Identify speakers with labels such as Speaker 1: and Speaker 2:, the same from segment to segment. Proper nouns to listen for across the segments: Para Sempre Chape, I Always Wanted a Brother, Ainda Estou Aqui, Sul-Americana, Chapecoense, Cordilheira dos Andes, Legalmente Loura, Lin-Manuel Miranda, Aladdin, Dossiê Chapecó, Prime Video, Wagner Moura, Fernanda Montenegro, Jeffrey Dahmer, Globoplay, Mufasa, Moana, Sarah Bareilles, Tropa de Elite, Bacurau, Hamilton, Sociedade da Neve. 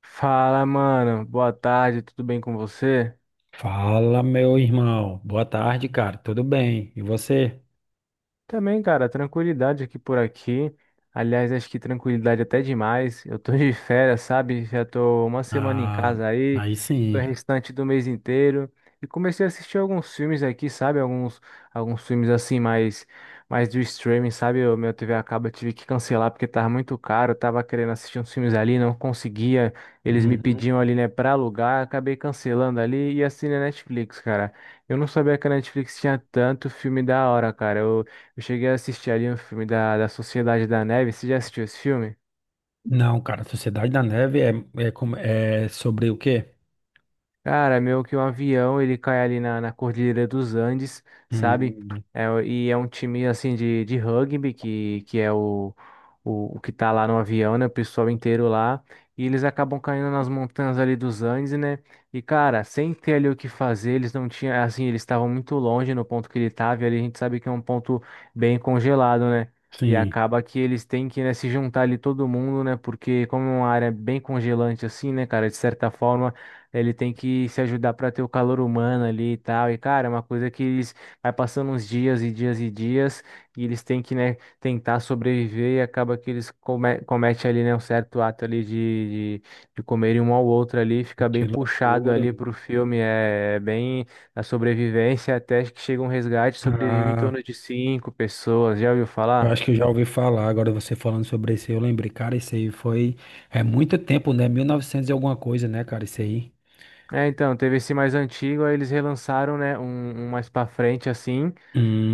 Speaker 1: Fala, mano. Boa tarde, tudo bem com você?
Speaker 2: Fala, meu irmão. Boa tarde, cara. Tudo bem? E você?
Speaker 1: Também, cara, tranquilidade aqui por aqui. Aliás, acho que tranquilidade até demais. Eu tô de férias, sabe? Já tô uma semana em
Speaker 2: Ah,
Speaker 1: casa aí,
Speaker 2: aí
Speaker 1: o
Speaker 2: sim.
Speaker 1: restante do mês inteiro. E comecei a assistir alguns filmes aqui, sabe? Alguns, alguns filmes assim, mais, mais do streaming, sabe? O meu TV acaba, eu tive que cancelar porque tava muito caro. Eu tava querendo assistir uns filmes ali, não conseguia. Eles me
Speaker 2: Uhum.
Speaker 1: pediam ali, né, pra alugar. Acabei cancelando ali e assinei a Netflix, cara. Eu não sabia que a Netflix tinha tanto filme da hora, cara. Eu cheguei a assistir ali um filme da Sociedade da Neve. Você já assistiu esse filme?
Speaker 2: Não, cara, Sociedade da Neve é, é sobre o quê?
Speaker 1: Cara, meu que o avião ele cai ali na Cordilheira dos Andes, sabe?
Speaker 2: Hum,
Speaker 1: É, e é um time assim de rugby que é o que tá lá no avião, né? O pessoal inteiro lá. E eles acabam caindo nas montanhas ali dos Andes, né? E cara, sem ter ali o que fazer, eles não tinham, assim, eles estavam muito longe no ponto que ele tava, e ali a gente sabe que é um ponto bem congelado, né? E
Speaker 2: sim,
Speaker 1: acaba que eles têm que, né, se juntar ali todo mundo, né? Porque como é uma área bem congelante assim, né, cara, de certa forma. Ele tem que se ajudar para ter o calor humano ali e tal. E, cara, é uma coisa que eles vai passando uns dias e dias e dias, e eles têm que, né, tentar sobreviver e acaba que eles cometem ali, né, um certo ato ali de comerem um ao outro ali, fica
Speaker 2: que
Speaker 1: bem puxado
Speaker 2: loucura.
Speaker 1: ali pro filme, é bem a sobrevivência até que chega um resgate, sobrevive em
Speaker 2: Ah,
Speaker 1: torno de cinco pessoas, já ouviu
Speaker 2: eu
Speaker 1: falar?
Speaker 2: acho que eu já ouvi falar. Agora você falando sobre isso, aí, eu lembrei, cara, isso aí foi. É muito tempo, né? 1900 e novecentos e alguma coisa, né, cara? Isso aí.
Speaker 1: É, então, teve esse mais antigo, aí eles relançaram, né, um mais pra frente, assim,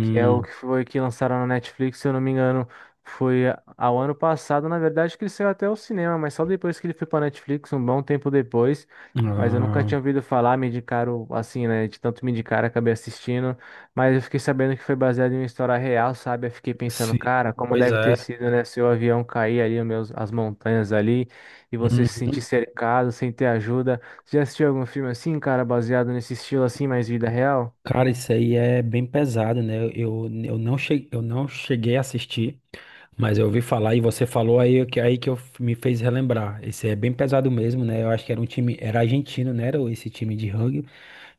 Speaker 1: que é o que foi que lançaram na Netflix, se eu não me engano, foi ao ano passado, na verdade, que ele saiu até o cinema, mas só depois que ele foi pra Netflix, um bom tempo depois. Mas eu nunca
Speaker 2: ah,
Speaker 1: tinha ouvido falar, me indicaram assim, né? De tanto me indicar, acabei assistindo. Mas eu fiquei sabendo que foi baseado em uma história real, sabe? Eu fiquei pensando,
Speaker 2: sim,
Speaker 1: cara, como
Speaker 2: pois
Speaker 1: deve ter
Speaker 2: é.
Speaker 1: sido, né? Seu avião cair ali, os meus, as montanhas ali, e você se
Speaker 2: Uhum.
Speaker 1: sentir cercado, sem ter ajuda. Você já assistiu algum filme assim, cara, baseado nesse estilo assim, mais vida real?
Speaker 2: Cara, isso aí é bem pesado, né? Eu não cheguei a assistir, mas eu ouvi falar e você falou aí que me fez relembrar. Esse é bem pesado mesmo, né? Eu acho que era um time, era argentino, né? Era esse time de rugby.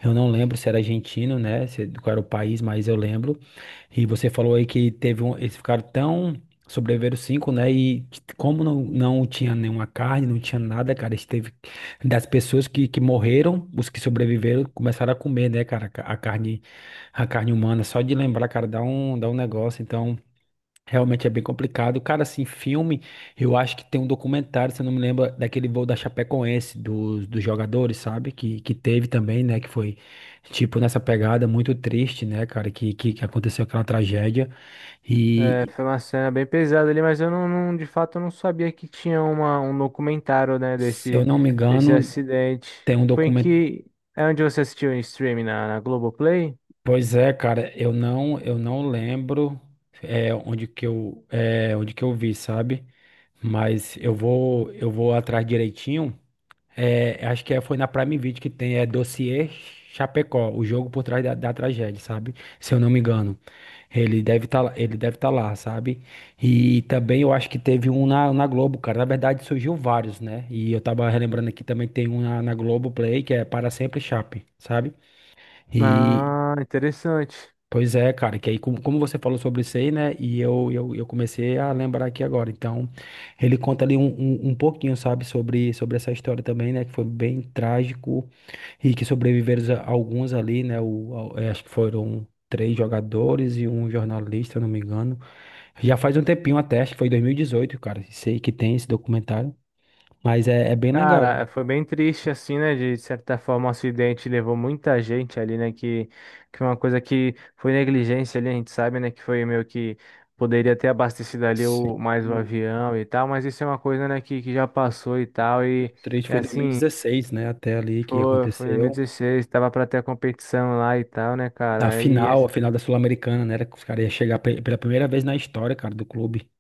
Speaker 2: Eu não lembro se era argentino, né? Se, Qual era o país, mas eu lembro. E você falou aí que teve um, eles ficaram tão sobreviveram cinco, né? Como não tinha nenhuma carne, não tinha nada, cara, eles teve das pessoas que morreram, os que sobreviveram começaram a comer, né, cara, a carne humana. Só de lembrar, cara, dá um negócio. Então, realmente é bem complicado. Cara, assim, filme, eu acho que tem um documentário, se eu não me lembro, daquele voo da Chapecoense, dos jogadores, sabe? Que teve também, né? Que foi, tipo, nessa pegada muito triste, né, cara? Que aconteceu aquela tragédia.
Speaker 1: É,
Speaker 2: E,
Speaker 1: foi uma cena bem pesada ali, mas eu de fato eu não sabia que tinha uma, um documentário, né,
Speaker 2: se eu
Speaker 1: desse,
Speaker 2: não me
Speaker 1: desse
Speaker 2: engano,
Speaker 1: acidente.
Speaker 2: tem um
Speaker 1: Foi em
Speaker 2: documento.
Speaker 1: que. É onde você assistiu em streaming na Globoplay?
Speaker 2: Pois é, cara, eu não lembro onde que eu vi, sabe? Mas eu vou atrás direitinho. Acho que foi na Prime Video que tem, é Dossiê Chapecó, o jogo por trás da tragédia, sabe? Se eu não me engano. Ele deve estar lá, sabe? E também eu acho que teve um na Globo, cara. Na verdade, surgiu vários, né? E eu tava relembrando aqui também que tem um na Globo Play, que é Para Sempre Chape, sabe? E
Speaker 1: Ah, interessante.
Speaker 2: pois é, cara, que aí como você falou sobre isso aí, né? E eu comecei a lembrar aqui agora. Então, ele conta ali um pouquinho, sabe, sobre essa história também, né? Que foi bem trágico e que sobreviveram alguns ali, né? Acho que foram três jogadores e um jornalista, não me engano. Já faz um tempinho até, acho que foi em 2018, cara. Sei que tem esse documentário, mas é bem
Speaker 1: Cara, é,
Speaker 2: legal.
Speaker 1: foi bem triste assim, né? De certa forma, o acidente levou muita gente ali, né? Que uma coisa que foi negligência ali, a gente sabe, né? Que foi meio que poderia ter abastecido ali
Speaker 2: Sim.
Speaker 1: o, mais o
Speaker 2: O
Speaker 1: avião e tal, mas isso é uma coisa, né? Que já passou e tal.
Speaker 2: do três
Speaker 1: E
Speaker 2: foi em
Speaker 1: assim,
Speaker 2: 2016, né? Até ali que
Speaker 1: foi em
Speaker 2: aconteceu.
Speaker 1: 2016, tava pra ter a competição lá e tal, né,
Speaker 2: Da
Speaker 1: cara? E
Speaker 2: final, a final da Sul-Americana, né? Era que os caras iam chegar pela primeira vez na história, cara, do clube.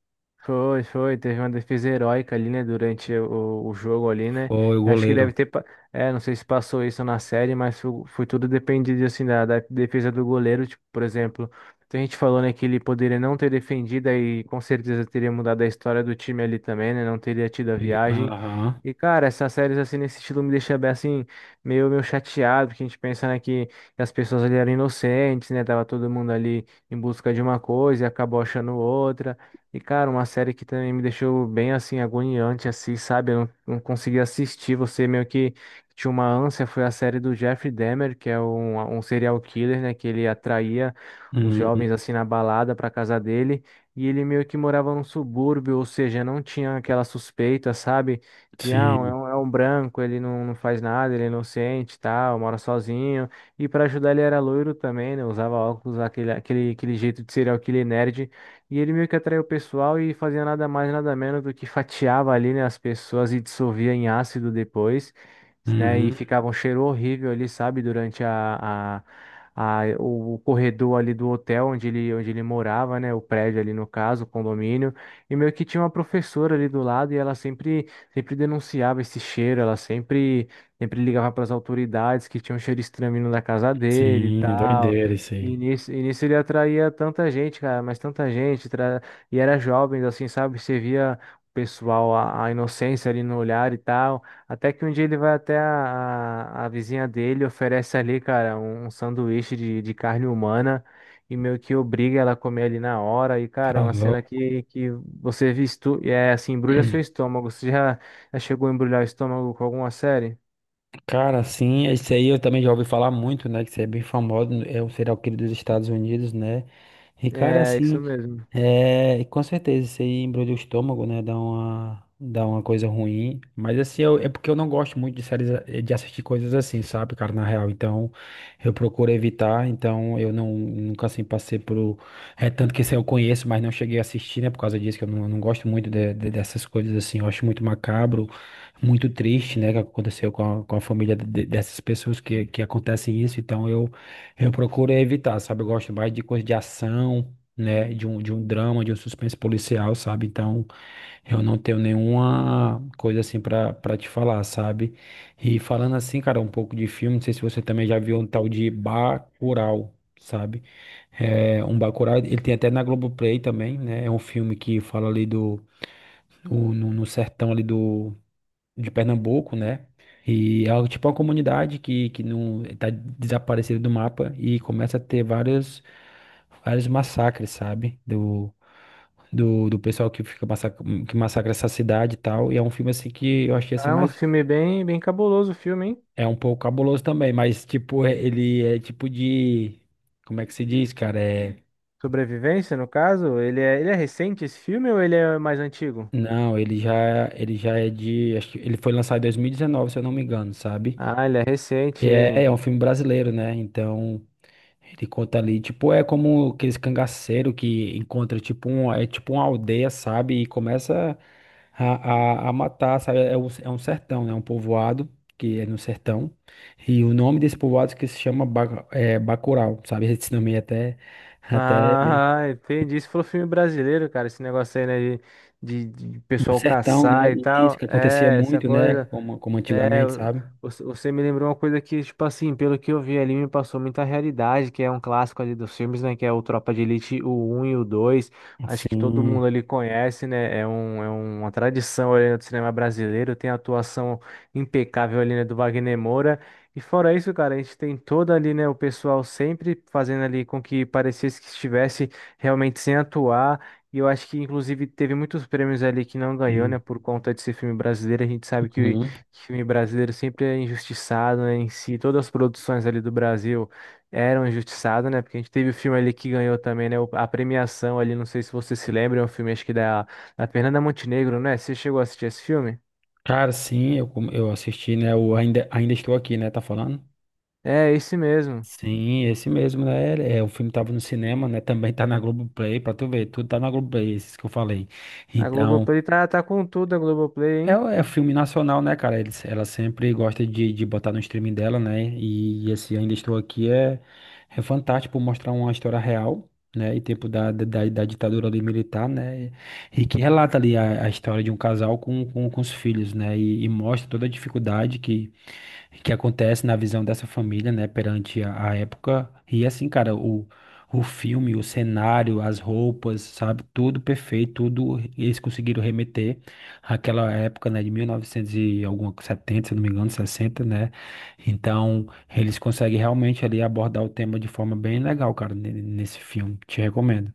Speaker 1: Foi, teve uma defesa heróica ali, né, durante o jogo ali, né,
Speaker 2: Foi o
Speaker 1: acho que
Speaker 2: goleiro.
Speaker 1: deve ter, é, não sei se passou isso na série, mas foi, foi tudo dependido, assim, da defesa do goleiro, tipo, por exemplo, a gente falou, né, que ele poderia não ter defendido e com certeza teria mudado a história do time ali também, né, não teria tido a viagem,
Speaker 2: Aham.
Speaker 1: e, cara, essas séries, assim, nesse estilo me deixa bem, assim, meio, meio chateado, porque a gente pensa, né, que as pessoas ali eram inocentes, né, tava todo mundo ali em busca de uma coisa e acabou achando outra, e, cara, uma série que também me deixou bem assim, agoniante, assim, sabe? Eu não consegui assistir. Você meio que tinha uma ânsia. Foi a série do Jeffrey Dahmer, que é um serial killer, né? Que ele atraía os
Speaker 2: Hum,
Speaker 1: jovens assim na balada pra casa dele. E ele meio que morava num subúrbio, ou seja, não tinha aquela suspeita, sabe? De, ah,
Speaker 2: sim.
Speaker 1: é um branco, ele não faz nada, ele é inocente, e tal, mora sozinho. E pra ajudar ele era loiro também, né? Usava óculos, aquele jeito de serial killer nerd. E ele meio que atraiu o pessoal e fazia nada mais, nada menos do que fatiava ali, né, as pessoas e dissolvia em ácido depois, né, e
Speaker 2: Uhum.
Speaker 1: ficava um cheiro horrível ali, sabe, durante o corredor ali do hotel onde ele morava, né, o prédio ali no caso, o condomínio, e meio que tinha uma professora ali do lado e ela sempre, sempre denunciava esse cheiro, ela sempre, sempre ligava para as autoridades que tinha um cheiro estranho vindo da casa dele e
Speaker 2: Sim,
Speaker 1: tal.
Speaker 2: doideira isso
Speaker 1: E
Speaker 2: aí.
Speaker 1: nisso, e nisso ele atraía tanta gente, cara, mas tanta gente, e era jovem, assim, sabe? Você via o pessoal, a inocência ali no olhar e tal. Até que um dia ele vai até a vizinha dele, oferece ali, cara, um sanduíche de carne humana e meio que obriga ela a comer ali na hora. E, cara, é
Speaker 2: Tá
Speaker 1: uma cena
Speaker 2: louco.
Speaker 1: que você visto, é assim, embrulha seu estômago. Você já, já chegou a embrulhar o estômago com alguma série?
Speaker 2: Cara, sim, esse aí eu também já ouvi falar muito, né? Que você é bem famoso, é o serial killer dos Estados Unidos, né? E, cara,
Speaker 1: É, isso
Speaker 2: assim,
Speaker 1: mesmo.
Speaker 2: e com certeza, isso aí embrulha o estômago, né? Dá uma coisa ruim. Mas, assim, é porque eu não gosto muito de séries, de assistir coisas assim, sabe, cara, na real. Então, eu procuro evitar. Então, eu não, nunca, assim, passei por. É tanto que esse eu conheço, mas não cheguei a assistir, né? Por causa disso, que eu não gosto muito dessas coisas assim. Eu acho muito macabro muito triste, né, que aconteceu com a família dessas pessoas que acontecem isso, então eu procuro evitar, sabe? Eu gosto mais de coisa de ação, né, de um drama, de um suspense policial, sabe? Então eu não tenho nenhuma coisa assim pra para te falar, sabe? E falando assim, cara, um pouco de filme, não sei se você também já viu um tal de Bacurau. Sabe? É, um Bacurau, ele tem até na Globoplay também, né? É um filme que fala ali do, o- no, no sertão ali de Pernambuco, né? E é algo tipo uma comunidade que não tá desaparecida do mapa e começa a ter vários, vários massacres, sabe? Do pessoal que que massacra essa cidade e tal. E é um filme assim que eu achei assim,
Speaker 1: É um
Speaker 2: mas
Speaker 1: filme bem, bem cabuloso o filme, hein?
Speaker 2: é um pouco cabuloso também, mas tipo, ele é tipo de. Como é que se diz, cara? É.
Speaker 1: Sobrevivência, no caso? Ele é recente esse filme ou ele é mais antigo?
Speaker 2: Não, ele já é de, acho que ele foi lançado em 2019, se eu não me engano, sabe?
Speaker 1: Ah, ele é
Speaker 2: E
Speaker 1: recente,
Speaker 2: É,
Speaker 1: ele.
Speaker 2: é um filme brasileiro, né? Então, ele conta ali, tipo, é como aqueles cangaceiros que encontra, tipo, é tipo uma aldeia, sabe? E começa a matar, sabe? É um sertão, né? Um povoado que é no sertão. E o nome desse povoado que se chama Bacurau, sabe? Esse nome é até meio.
Speaker 1: Ah, entendi. Isso foi filme brasileiro, cara. Esse negócio aí, né? De, de, de
Speaker 2: E no
Speaker 1: pessoal
Speaker 2: sertão, né?
Speaker 1: caçar e
Speaker 2: E isso
Speaker 1: tal.
Speaker 2: que acontecia
Speaker 1: É, essa
Speaker 2: muito, né?
Speaker 1: coisa.
Speaker 2: Como
Speaker 1: É,
Speaker 2: antigamente, sabe?
Speaker 1: você me lembrou uma coisa que, tipo assim, pelo que eu vi ali, me passou muita realidade, que é um clássico ali dos filmes, né? Que é o Tropa de Elite, o um e o 2. Acho que todo
Speaker 2: Assim.
Speaker 1: mundo ali conhece, né? É, um, é uma tradição ali no cinema brasileiro, tem a atuação impecável ali, né, do Wagner Moura. E fora isso, cara, a gente tem todo ali, né, o pessoal sempre fazendo ali com que parecesse que estivesse realmente sem atuar. E eu acho que, inclusive, teve muitos prêmios ali que não ganhou, né, por conta desse filme brasileiro. A gente sabe que
Speaker 2: Uhum.
Speaker 1: filme brasileiro sempre é injustiçado, né? Em si, todas as produções ali do Brasil eram injustiçadas, né? Porque a gente teve o filme ali que ganhou também, né? A premiação ali, não sei se você se lembra, é um filme acho que da Fernanda Montenegro, né? Você chegou a assistir esse filme?
Speaker 2: Cara, sim, eu assisti, né? O Ainda Estou Aqui, né? Tá falando?
Speaker 1: É, esse mesmo.
Speaker 2: Sim, esse mesmo, né? É, o filme tava no cinema, né? Também tá na Globoplay, pra tu ver, tudo tá na Globoplay, esses que eu falei.
Speaker 1: A
Speaker 2: Então,
Speaker 1: Globoplay tá, tá com tudo, a Globoplay,
Speaker 2: é,
Speaker 1: hein?
Speaker 2: é filme nacional, né, cara? Eles, ela sempre gosta de botar no streaming dela, né? E esse Ainda Estou Aqui é fantástico por mostrar uma história real, né? E tempo da ditadura ali militar, né? E que relata ali a história de um casal com os filhos, né? E mostra toda a dificuldade que acontece na visão dessa família, né, perante a época. E assim, cara, o filme, o cenário, as roupas, sabe, tudo perfeito, tudo eles conseguiram remeter àquela época, né, de 1900 e novecentos e alguma, 70, se não me engano, 60, né? Então, eles conseguem realmente ali abordar o tema de forma bem legal, cara, nesse filme. Te recomendo.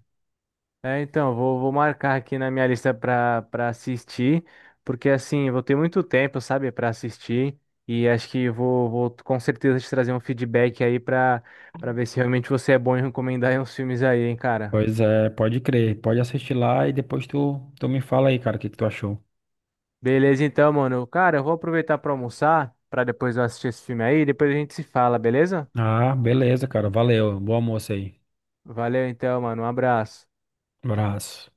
Speaker 1: É, então, vou, vou marcar aqui na minha lista para para assistir, porque assim, eu vou ter muito tempo, sabe, para assistir, e acho que vou, vou com certeza te trazer um feedback aí para para ver se realmente você é bom em recomendar aí uns filmes aí, hein, cara.
Speaker 2: Pois é, pode crer, pode assistir lá e depois tu me fala aí, cara, o que que tu achou.
Speaker 1: Beleza, então, mano. Cara, eu vou aproveitar para almoçar, para depois eu assistir esse filme aí, e depois a gente se fala, beleza?
Speaker 2: Ah, beleza, cara, valeu, bom almoço aí,
Speaker 1: Valeu então, mano. Um abraço.
Speaker 2: abraço.